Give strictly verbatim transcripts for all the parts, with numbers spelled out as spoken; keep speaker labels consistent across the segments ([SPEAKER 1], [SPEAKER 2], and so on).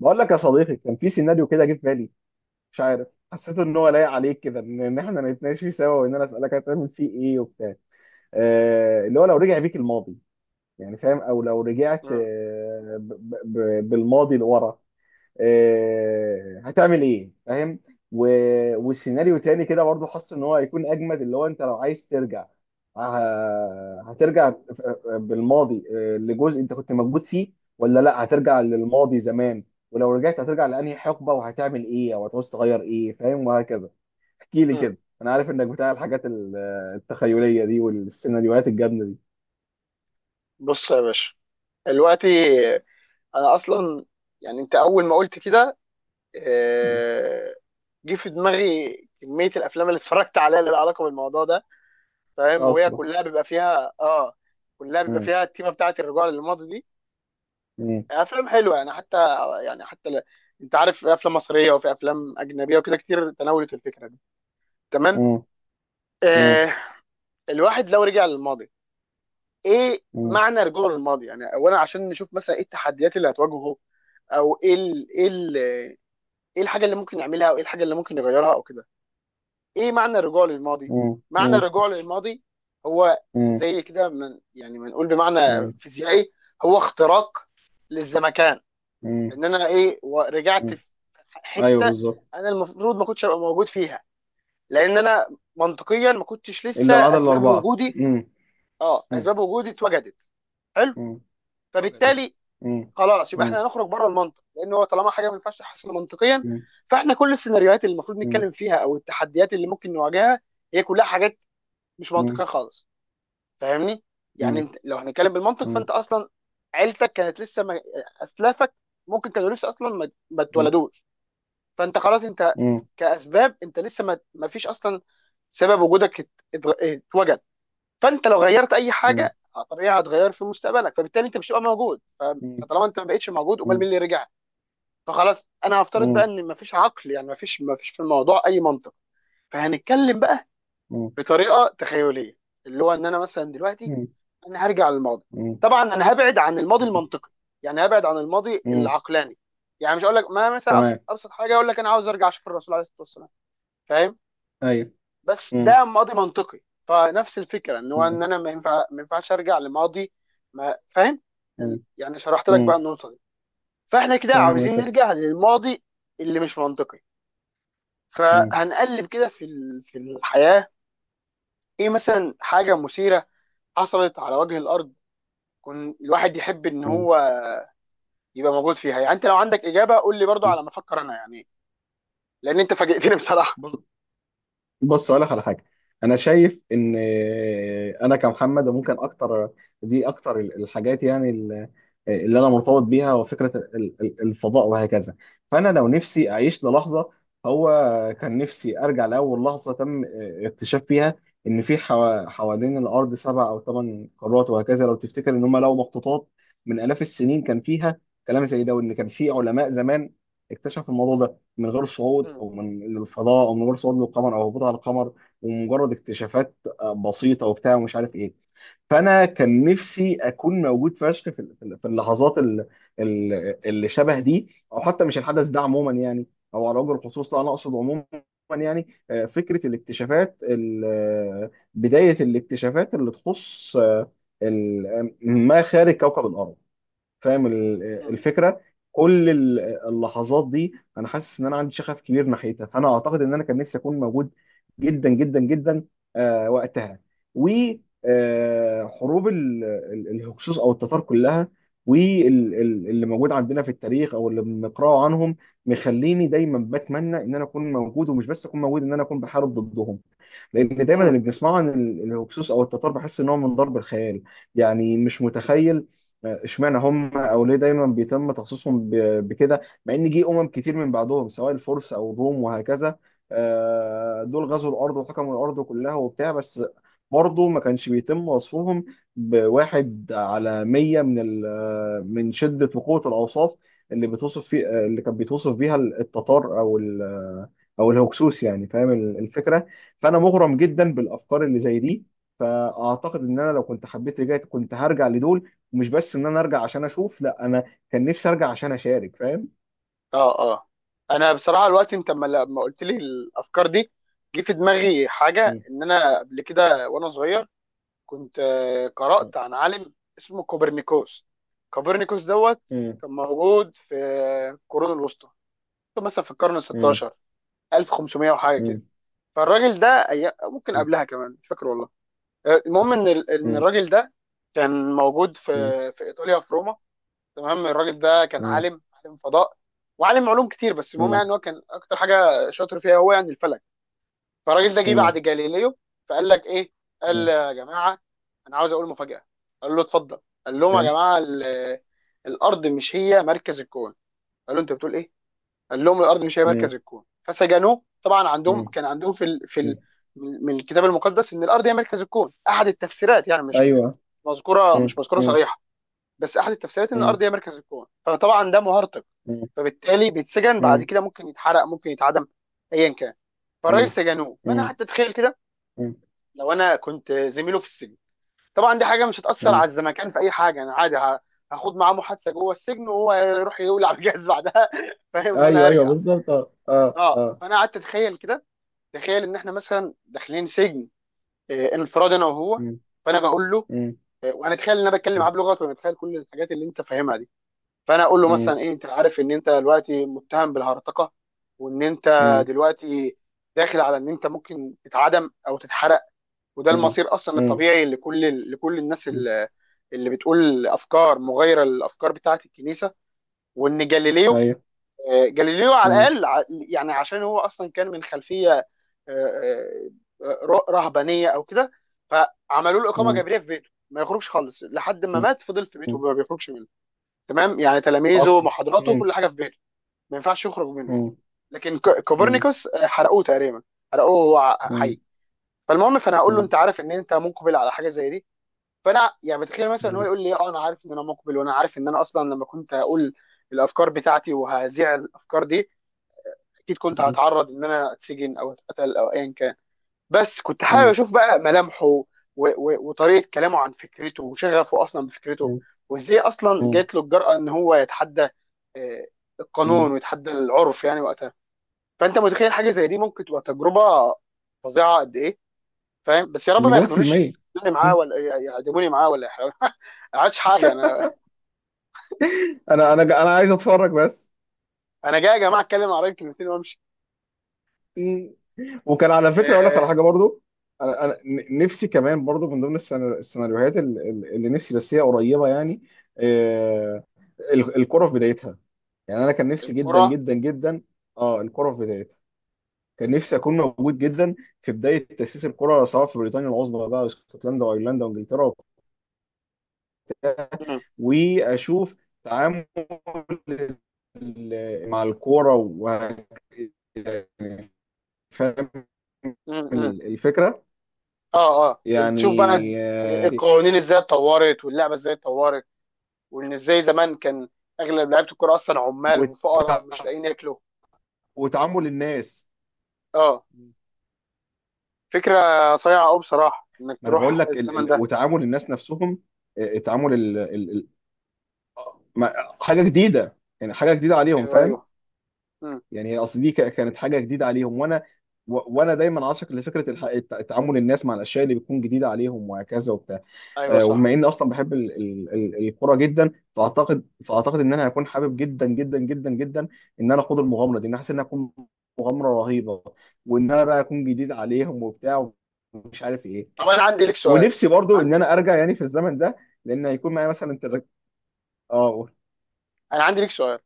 [SPEAKER 1] بقول لك يا صديقي، كان في سيناريو كده جه في بالي. مش عارف. حسيت ان هو لايق عليك كده، ان إن احنا نتناقش فيه سوا، وان انا اسالك هتعمل فيه ايه وبتاع. آه اللي هو لو رجع بيك الماضي، يعني فاهم. او لو رجعت
[SPEAKER 2] مم.
[SPEAKER 1] آه ب ب ب بالماضي لورا، آه، هتعمل ايه فاهم. و... والسيناريو تاني كده برضه حاسس ان هو هيكون اجمد، اللي هو انت لو عايز ترجع، آه، هترجع بالماضي، آه، لجزء انت كنت موجود فيه، ولا لا هترجع للماضي زمان. ولو رجعت هترجع لانهي حقبة، وهتعمل ايه او هتعوز تغير ايه، فاهم وهكذا. احكي لي
[SPEAKER 2] مم.
[SPEAKER 1] كده، انا عارف انك بتاع الحاجات ال- التخيلية دي والسيناريوهات الجامدة دي.
[SPEAKER 2] بص يا باشا، دلوقتي انا اصلا، يعني انت اول ما قلت كده آه، جه في دماغي كميه الافلام اللي اتفرجت عليها اللي لها علاقه بالموضوع ده. فاهم؟ وهي
[SPEAKER 1] اصلا.
[SPEAKER 2] كلها بيبقى فيها اه كلها بيبقى
[SPEAKER 1] مم.
[SPEAKER 2] فيها التيمه بتاعت الرجوع للماضي دي.
[SPEAKER 1] مم.
[SPEAKER 2] افلام حلوه يعني، حتى يعني حتى ل... انت عارف في افلام مصريه وفي افلام اجنبيه وكده كتير تناولت الفكره دي. تمام.
[SPEAKER 1] مم. مم.
[SPEAKER 2] آه. الواحد لو رجع للماضي، ايه
[SPEAKER 1] مم.
[SPEAKER 2] معنى رجوع للماضي؟ يعني اولا عشان نشوف مثلا ايه التحديات اللي هتواجهه، او ايه ال ايه ال ايه الحاجه اللي ممكن يعملها او ايه الحاجه اللي ممكن يغيرها او كده. ايه معنى الرجوع للماضي
[SPEAKER 1] مم.
[SPEAKER 2] معنى الرجوع للماضي هو
[SPEAKER 1] مم.
[SPEAKER 2] زي كده، من يعني، بنقول بمعنى
[SPEAKER 1] مم.
[SPEAKER 2] فيزيائي، هو اختراق للزمكان.
[SPEAKER 1] مم.
[SPEAKER 2] ان انا ايه و- رجعت في
[SPEAKER 1] مم. ايوه
[SPEAKER 2] حته
[SPEAKER 1] بالظبط.
[SPEAKER 2] انا المفروض ما كنتش ابقى موجود فيها، لان انا منطقيا ما كنتش لسه
[SPEAKER 1] الا ما عدا
[SPEAKER 2] اسباب
[SPEAKER 1] الاربعه.
[SPEAKER 2] وجودي
[SPEAKER 1] مم.
[SPEAKER 2] اه
[SPEAKER 1] مم.
[SPEAKER 2] اسباب وجودي اتوجدت. حلو.
[SPEAKER 1] مم. فقدت.
[SPEAKER 2] فبالتالي
[SPEAKER 1] مم.
[SPEAKER 2] خلاص يبقى احنا
[SPEAKER 1] مم.
[SPEAKER 2] هنخرج بره المنطق، لان هو طالما حاجه ما ينفعش تحصل منطقيا،
[SPEAKER 1] مم.
[SPEAKER 2] فاحنا كل السيناريوهات اللي المفروض
[SPEAKER 1] مم.
[SPEAKER 2] نتكلم فيها او التحديات اللي ممكن نواجهها هي كلها حاجات مش منطقيه
[SPEAKER 1] مم.
[SPEAKER 2] خالص. فاهمني؟ يعني
[SPEAKER 1] مم.
[SPEAKER 2] انت لو هنتكلم بالمنطق، فانت
[SPEAKER 1] مم.
[SPEAKER 2] اصلا عيلتك كانت لسه ما... اسلافك ممكن كانوا لسه اصلا ما, ما اتولدوش. فانت خلاص، انت
[SPEAKER 1] مم.
[SPEAKER 2] كاسباب انت لسه ما, ما فيش اصلا سبب وجودك ات- ات- اتوجد. فانت لو غيرت اي
[SPEAKER 1] مم.
[SPEAKER 2] حاجه طبيعي هتغير في مستقبلك، فبالتالي انت مش هتبقى موجود ف-
[SPEAKER 1] مم.
[SPEAKER 2] فطالما انت ما بقتش موجود، امال
[SPEAKER 1] مم.
[SPEAKER 2] مين اللي رجع؟ فخلاص انا هفترض بقى
[SPEAKER 1] مم.
[SPEAKER 2] ان مفيش عقل، يعني مفيش مفيش في الموضوع اي منطق. فهنتكلم بقى بطريقه تخيليه، اللي هو ان انا مثلا دلوقتي
[SPEAKER 1] مم.
[SPEAKER 2] انا هرجع للماضي.
[SPEAKER 1] مم.
[SPEAKER 2] طبعا انا هبعد عن الماضي
[SPEAKER 1] مم.
[SPEAKER 2] المنطقي، يعني هبعد عن الماضي
[SPEAKER 1] مم.
[SPEAKER 2] العقلاني. يعني مش هقول لك، ما مثلا
[SPEAKER 1] تمام.
[SPEAKER 2] أبسط, ابسط حاجه اقول لك انا عاوز ارجع اشوف الرسول عليه الصلاه والسلام. فاهم؟
[SPEAKER 1] ايوه.
[SPEAKER 2] بس
[SPEAKER 1] مم.
[SPEAKER 2] ده ماضي منطقي. فنفس الفكره ان هو ان
[SPEAKER 1] مم.
[SPEAKER 2] انا ما ينفع ما ينفعش ارجع لماضي، ما فاهم؟
[SPEAKER 1] مم.
[SPEAKER 2] يعني شرحت لك بقى
[SPEAKER 1] مم.
[SPEAKER 2] النقطه دي. فاحنا كده
[SPEAKER 1] فاهم
[SPEAKER 2] عاوزين
[SPEAKER 1] الفكره.
[SPEAKER 2] نرجع للماضي اللي مش منطقي.
[SPEAKER 1] مم.
[SPEAKER 2] فهنقلب كده في ال- في الحياة، ايه مثلا حاجة مثيرة حصلت على وجه الارض، كن الواحد يحب ان
[SPEAKER 1] مم.
[SPEAKER 2] هو يبقى موجود فيها؟ يعني انت لو عندك اجابة قول لي برضو
[SPEAKER 1] مم.
[SPEAKER 2] على ما افكر انا، يعني لان انت فاجئتني بصراحة.
[SPEAKER 1] بص. بص اقول لك على حاجه. انا شايف ان انا كمحمد ممكن اكتر. دي اكتر الحاجات يعني، اللي انا مرتبط بيها، وفكره الفضاء وهكذا. فانا لو نفسي اعيش للحظه، هو كان نفسي ارجع لاول لحظه تم اكتشاف فيها، ان في حوا- حوالين الارض سبع او ثمان قارات وهكذا. لو تفتكر ان هم لقوا مخطوطات من الاف السنين كان فيها كلام زي ده، وان كان في علماء زمان اكتشفوا الموضوع ده من غير صعود
[SPEAKER 2] مم.
[SPEAKER 1] او من الفضاء، او من غير صعود للقمر او هبوط على القمر، ومجرد اكتشافات آه، بسيطه وبتاع ومش عارف ايه. فانا كان نفسي اكون موجود فشخ في ال- في ال- في اللحظات ال- ال- اللي شبه دي، او حتى مش الحدث ده عموما يعني، او على وجه الخصوص، لا انا اقصد عموما. يعني آه، فكره الاكتشافات، ال- آه، بدايه الاكتشافات اللي تخص آه، ال- آه، ما خارج كوكب الارض. فاهم ال-
[SPEAKER 2] مم.
[SPEAKER 1] الفكره. كل ال- اللحظات دي انا حاسس ان انا عندي شغف كبير ناحيتها. فانا اعتقد ان انا كان نفسي اكون موجود جدا جدا جدا آه، وقتها. وحروب الهكسوس او التتار كلها، واللي موجود عندنا في التاريخ او اللي بنقراه عنهم، مخليني دايما بتمنى ان انا اكون موجود، ومش بس اكون موجود، ان انا اكون بحارب ضدهم. لان دايما
[SPEAKER 2] مم.
[SPEAKER 1] اللي بنسمعه عن ال- الهكسوس او التتار، بحس ان هو من ضرب الخيال. يعني مش متخيل. آه، اشمعنى هم، او ليه دايما بيتم تخصيصهم ب- بكده، مع ان جه امم كتير من بعدهم سواء الفرس او الروم وهكذا. آه، دول غزوا الارض وحكموا الارض كلها وبتاع، بس برضه ما كانش بيتم وصفهم بواحد على مية من ال- آه، من شدة وقوة الأوصاف اللي بتوصف فيه، آه، اللي كان بيتوصف بيها التتار، أو ال- آه، أو الهكسوس. يعني فاهم الفكرة. فانا مغرم جدا بالافكار اللي زي دي. فاعتقد ان انا لو كنت حبيت رجعت، كنت هرجع لدول، ومش بس ان انا ارجع عشان اشوف، لا انا كان نفسي ارجع عشان اشارك فاهم.
[SPEAKER 2] اه، اه، انا بصراحة الوقت انت لما لما قلت لي الافكار دي، جه في دماغي حاجة
[SPEAKER 1] مم.
[SPEAKER 2] ان انا قبل كده وانا صغير كنت آه، قرأت عن عالم اسمه كوبرنيكوس. كوبرنيكوس دوت
[SPEAKER 1] مم.
[SPEAKER 2] كان موجود في القرون الوسطى، مثلا في القرن ال
[SPEAKER 1] مم.
[SPEAKER 2] السادس عشر، ألف وخمسمية وحاجه كده.
[SPEAKER 1] مم.
[SPEAKER 2] فالراجل ده أي... ممكن قبلها كمان مش فاكر والله. المهم ان ال- ان
[SPEAKER 1] مم.
[SPEAKER 2] الراجل ده كان موجود في
[SPEAKER 1] مم.
[SPEAKER 2] في ايطاليا في روما. تمام. الراجل ده كان
[SPEAKER 1] مم.
[SPEAKER 2] عالم عالم فضاء وعالم علوم كتير، بس المهم يعني
[SPEAKER 1] مم.
[SPEAKER 2] إن هو كان اكتر حاجه شاطر فيها هو يعني الفلك. فالراجل ده جه بعد
[SPEAKER 1] مم.
[SPEAKER 2] جاليليو، فقال لك ايه؟ قال:
[SPEAKER 1] مم.
[SPEAKER 2] يا جماعه انا عاوز اقول مفاجاه. قال له: اتفضل. قال لهم: يا
[SPEAKER 1] أي.
[SPEAKER 2] جماعه ال- الارض مش هي مركز الكون. قال له: انت بتقول ايه؟ قال لهم: الارض مش هي
[SPEAKER 1] مم.
[SPEAKER 2] مركز الكون. فسجنوه طبعا، عندهم
[SPEAKER 1] مم.
[SPEAKER 2] كان عندهم في ال... في
[SPEAKER 1] مم.
[SPEAKER 2] ال... من من الكتاب المقدس ان الارض هي مركز الكون، احد التفسيرات يعني، مش م-
[SPEAKER 1] ايوه.
[SPEAKER 2] مذكوره
[SPEAKER 1] مم.
[SPEAKER 2] مش مذكوره
[SPEAKER 1] مم.
[SPEAKER 2] صريحه، بس احد التفسيرات ان
[SPEAKER 1] مم.
[SPEAKER 2] الارض هي مركز الكون. فطبعا ده مهرطق،
[SPEAKER 1] مم.
[SPEAKER 2] فبالتالي بيتسجن، بعد
[SPEAKER 1] مم.
[SPEAKER 2] كده ممكن يتحرق ممكن يتعدم، ايا كان. فالراجل
[SPEAKER 1] مم.
[SPEAKER 2] سجنوه، فانا
[SPEAKER 1] مم.
[SPEAKER 2] قعدت اتخيل كده
[SPEAKER 1] مم.
[SPEAKER 2] لو انا كنت زميله في السجن. طبعا دي حاجه مش هتاثر على
[SPEAKER 1] مم.
[SPEAKER 2] الزمكان في اي حاجه، انا عادي ه- هاخد معاه محادثه جوه السجن، وهو يروح يولع على الجهاز بعدها فاهم؟ وانا
[SPEAKER 1] ايوه ايوه
[SPEAKER 2] هرجع.
[SPEAKER 1] بالظبط، اه اه
[SPEAKER 2] اه،
[SPEAKER 1] اه.
[SPEAKER 2] فانا قعدت اتخيل كده، تخيل ان احنا مثلا داخلين سجن آه، انفراد انا وهو.
[SPEAKER 1] مم.
[SPEAKER 2] فانا بقول له،
[SPEAKER 1] مم.
[SPEAKER 2] آه، وانا اتخيل ان انا بتكلم معاه
[SPEAKER 1] مم.
[SPEAKER 2] بلغته وانا اتخيل كل الحاجات اللي انت فاهمها دي، فانا اقول له مثلا ايه: انت عارف ان انت دلوقتي متهم بالهرطقه، وان انت
[SPEAKER 1] مم.
[SPEAKER 2] دلوقتي داخل على ان انت ممكن تتعدم او تتحرق، وده
[SPEAKER 1] مم.
[SPEAKER 2] المصير اصلا الطبيعي لكل لكل الناس
[SPEAKER 1] مم.
[SPEAKER 2] اللي اللي بتقول افكار مغايره للافكار بتاعه الكنيسه. وان جاليليو،
[SPEAKER 1] ايوه.
[SPEAKER 2] آه، جاليليو على
[SPEAKER 1] مم.
[SPEAKER 2] الاقل ع- يعني عشان هو اصلا كان من خلفيه آه، آه، ر- رهبانيه او كده، فعملوا له اقامه
[SPEAKER 1] مم.
[SPEAKER 2] جبريه في بيته ما يخرجش خالص لحد ما
[SPEAKER 1] مم.
[SPEAKER 2] مات، فضل في بيته
[SPEAKER 1] مم.
[SPEAKER 2] ما بيخرجش منه. تمام؟ يعني تلاميذه،
[SPEAKER 1] اصل.
[SPEAKER 2] محاضراته،
[SPEAKER 1] مم.
[SPEAKER 2] كل حاجه في بيته، ما ينفعش يخرج منه.
[SPEAKER 1] مم.
[SPEAKER 2] لكن ك-
[SPEAKER 1] مم.
[SPEAKER 2] كوبرنيكوس آه، حرقوه تقريبا، حرقوه وهو ع-
[SPEAKER 1] مم.
[SPEAKER 2] حي. فالمهم، فانا هقول له:
[SPEAKER 1] مم.
[SPEAKER 2] انت عارف ان انت مقبل على حاجه زي دي؟ فانا يعني بتخيل مثلا هو
[SPEAKER 1] مم.
[SPEAKER 2] يقول لي: اه انا عارف ان انا مقبل، وانا عارف ان انا اصلا لما كنت هقول الافكار بتاعتي وهذيع الافكار دي، اكيد كنت هتعرض ان انا اتسجن او اتقتل او ايا كان. بس كنت حابب
[SPEAKER 1] مم.
[SPEAKER 2] اشوف بقى ملامحه و- و- وطريقه كلامه عن فكرته وشغفه اصلا بفكرته،
[SPEAKER 1] مم.
[SPEAKER 2] وازاي اصلا
[SPEAKER 1] مم.
[SPEAKER 2] جات له الجرأه ان هو يتحدى آه،
[SPEAKER 1] مم.
[SPEAKER 2] القانون ويتحدى العرف يعني وقتها. فانت متخيل حاجه زي دي ممكن تبقى تجربه فظيعه قد ايه؟ فاهم؟ بس يا رب ما
[SPEAKER 1] مليون في
[SPEAKER 2] ياخدونيش
[SPEAKER 1] المية.
[SPEAKER 2] يسجنوني معاه
[SPEAKER 1] مم.
[SPEAKER 2] ولا ي- يعدموني معاه ولا يحاولوا ما عادش حاجه انا،
[SPEAKER 1] انا انا انا عايز اتفرج بس.
[SPEAKER 2] انا جاي يا جماعه اتكلم عن رايي كلمتين وامشي.
[SPEAKER 1] مم. وكان على فكرة اقول لك
[SPEAKER 2] آه،
[SPEAKER 1] على حاجة برضو. انا انا ن- نفسي كمان برضو، من ضمن السينا- السيناريوهات ال- ال- اللي نفسي، بس هي قريبة يعني. آه، ال- الكرة في بدايتها. يعني انا كان نفسي جدا
[SPEAKER 2] الكره.
[SPEAKER 1] جدا جدا. اه الكرة في بدايتها. كان نفسي اكون موجود جدا في بدايه تاسيس الكره، سواء في بريطانيا العظمى بقى، اسكتلندا وايرلندا وانجلترا،
[SPEAKER 2] مم.
[SPEAKER 1] واشوف تعامل ال- مع الكوره. و فاهم
[SPEAKER 2] مم.
[SPEAKER 1] ال- الفكره
[SPEAKER 2] اه، اه،
[SPEAKER 1] يعني.
[SPEAKER 2] تشوف بقى
[SPEAKER 1] آه،
[SPEAKER 2] القوانين ازاي اتطورت واللعبه ازاي اتطورت، وان ازاي زمان كان اغلب لعيبه الكوره اصلا عمال وفقراء
[SPEAKER 1] وتع-
[SPEAKER 2] ومش لاقيين ياكلوا.
[SPEAKER 1] وتعامل الناس.
[SPEAKER 2] اه، فكره صايعه قوي بصراحه انك
[SPEAKER 1] ما انا بقول
[SPEAKER 2] تروح
[SPEAKER 1] لك ال...
[SPEAKER 2] الزمن
[SPEAKER 1] ال...
[SPEAKER 2] ده.
[SPEAKER 1] وتعامل الناس نفسهم. آه، تعامل ال... ال... ال... ما- حاجه جديده، يعني حاجه جديده عليهم
[SPEAKER 2] ايوه،
[SPEAKER 1] فاهم.
[SPEAKER 2] ايوه، امم
[SPEAKER 1] يعني هي اصل دي ك- كانت حاجه جديده عليهم، وانا و- وانا دايما عاشق لفكره الح- الت- تعامل الناس مع الاشياء اللي بتكون جديده عليهم وهكذا وبتاع.
[SPEAKER 2] ايوه
[SPEAKER 1] آه، وبما
[SPEAKER 2] صح.
[SPEAKER 1] اني اصلا بحب ال- ال- ال- الكوره جدا، فاعتقد فاعتقد ان انا هكون حابب جدا جدا جدا جدا ان انا اخوض المغامره دي. ان أنا حاسس انها هتكون مغامره رهيبه، وان انا بقى اكون جديد عليهم وبتاع، ومش عارف ايه.
[SPEAKER 2] طب انا عندي لك سؤال
[SPEAKER 1] ونفسي برضو
[SPEAKER 2] عن...
[SPEAKER 1] ان انا ارجع يعني في الزمن ده، لان هيكون معايا مثلا تلك... اه قول.
[SPEAKER 2] انا عندي لك سؤال: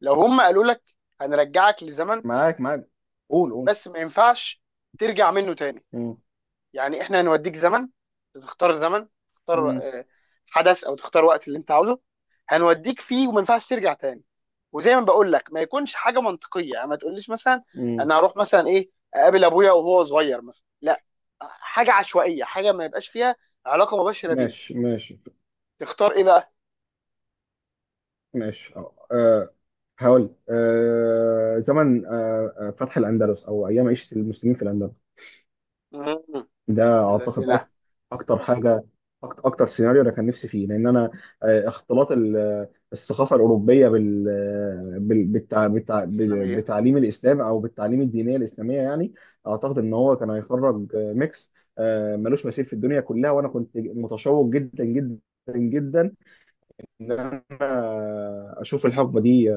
[SPEAKER 2] لو هم قالوا لك هنرجعك لزمن
[SPEAKER 1] معاك معاك، قول قول.
[SPEAKER 2] بس ما ينفعش ترجع منه تاني،
[SPEAKER 1] مم.
[SPEAKER 2] يعني احنا هنوديك زمن، تختار زمن، تختار
[SPEAKER 1] مم.
[SPEAKER 2] آه، حدث او تختار وقت اللي انت عاوزه، هنوديك فيه وما ينفعش ترجع تاني. وزي ما بقول لك، ما يكونش حاجه منطقيه، يعني ما تقوليش مثلا
[SPEAKER 1] مم.
[SPEAKER 2] انا هروح مثلا ايه اقابل ابويا وهو صغير مثلا، لا، حاجه عشوائيه، حاجه ما يبقاش فيها علاقه مباشره بيك.
[SPEAKER 1] ماشي ماشي
[SPEAKER 2] تختار ايه بقى؟
[SPEAKER 1] ماشي اه. آه، هقول آه، زمن آه، آه، فتح الأندلس أو أيام عيشة المسلمين في الأندلس.
[SPEAKER 2] مم.
[SPEAKER 1] ده
[SPEAKER 2] ابن
[SPEAKER 1] أعتقد
[SPEAKER 2] الذين
[SPEAKER 1] أك- أكتر حاجة. أكتر, أكتر سيناريو أنا كان نفسي فيه، لأن أنا آه، اختلاط ال- الثقافة الأوروبية بال بال- بالتع- بالتع-
[SPEAKER 2] الاسلاميه.
[SPEAKER 1] بتعليم الإسلام أو بالتعليم الدينية الإسلامية يعني. أعتقد إن هو كان هيخرج آه، ميكس آه، ملوش مثيل في الدنيا كلها. وأنا كنت متشوق جدا جدا جدا ان انا اشوف الحقبه دي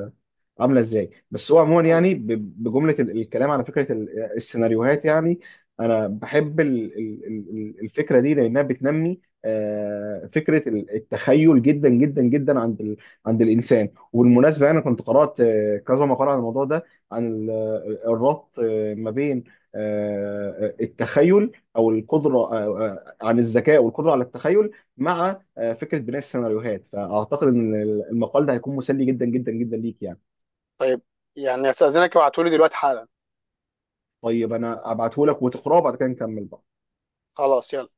[SPEAKER 1] عامله ازاي. بس هو عموما
[SPEAKER 2] مم.
[SPEAKER 1] يعني ب- بجمله ال- الكلام على فكره ال- السيناريوهات يعني، انا بحب ال- ال- ال- الفكره دي، لانها بتنمي آه، فكره ال- التخيل جدا جدا جدا عند ال- عند الانسان. وبالمناسبه انا كنت قرات آه، كذا مقاله عن الموضوع ده، عن ال- الربط آه، ما بين آه، التخيل او القدره، آه، آه، عن الذكاء والقدره على التخيل، مع آه، فكره بناء السيناريوهات. فاعتقد ان المقال ده هيكون مسلي جدا جدا جدا ليك يعني.
[SPEAKER 2] طيب، يعني استاذنك ابعتولي دلوقتي حالا.
[SPEAKER 1] طيب انا ابعته لك وتقراه بعد كده نكمل بقى.
[SPEAKER 2] خلاص يلا.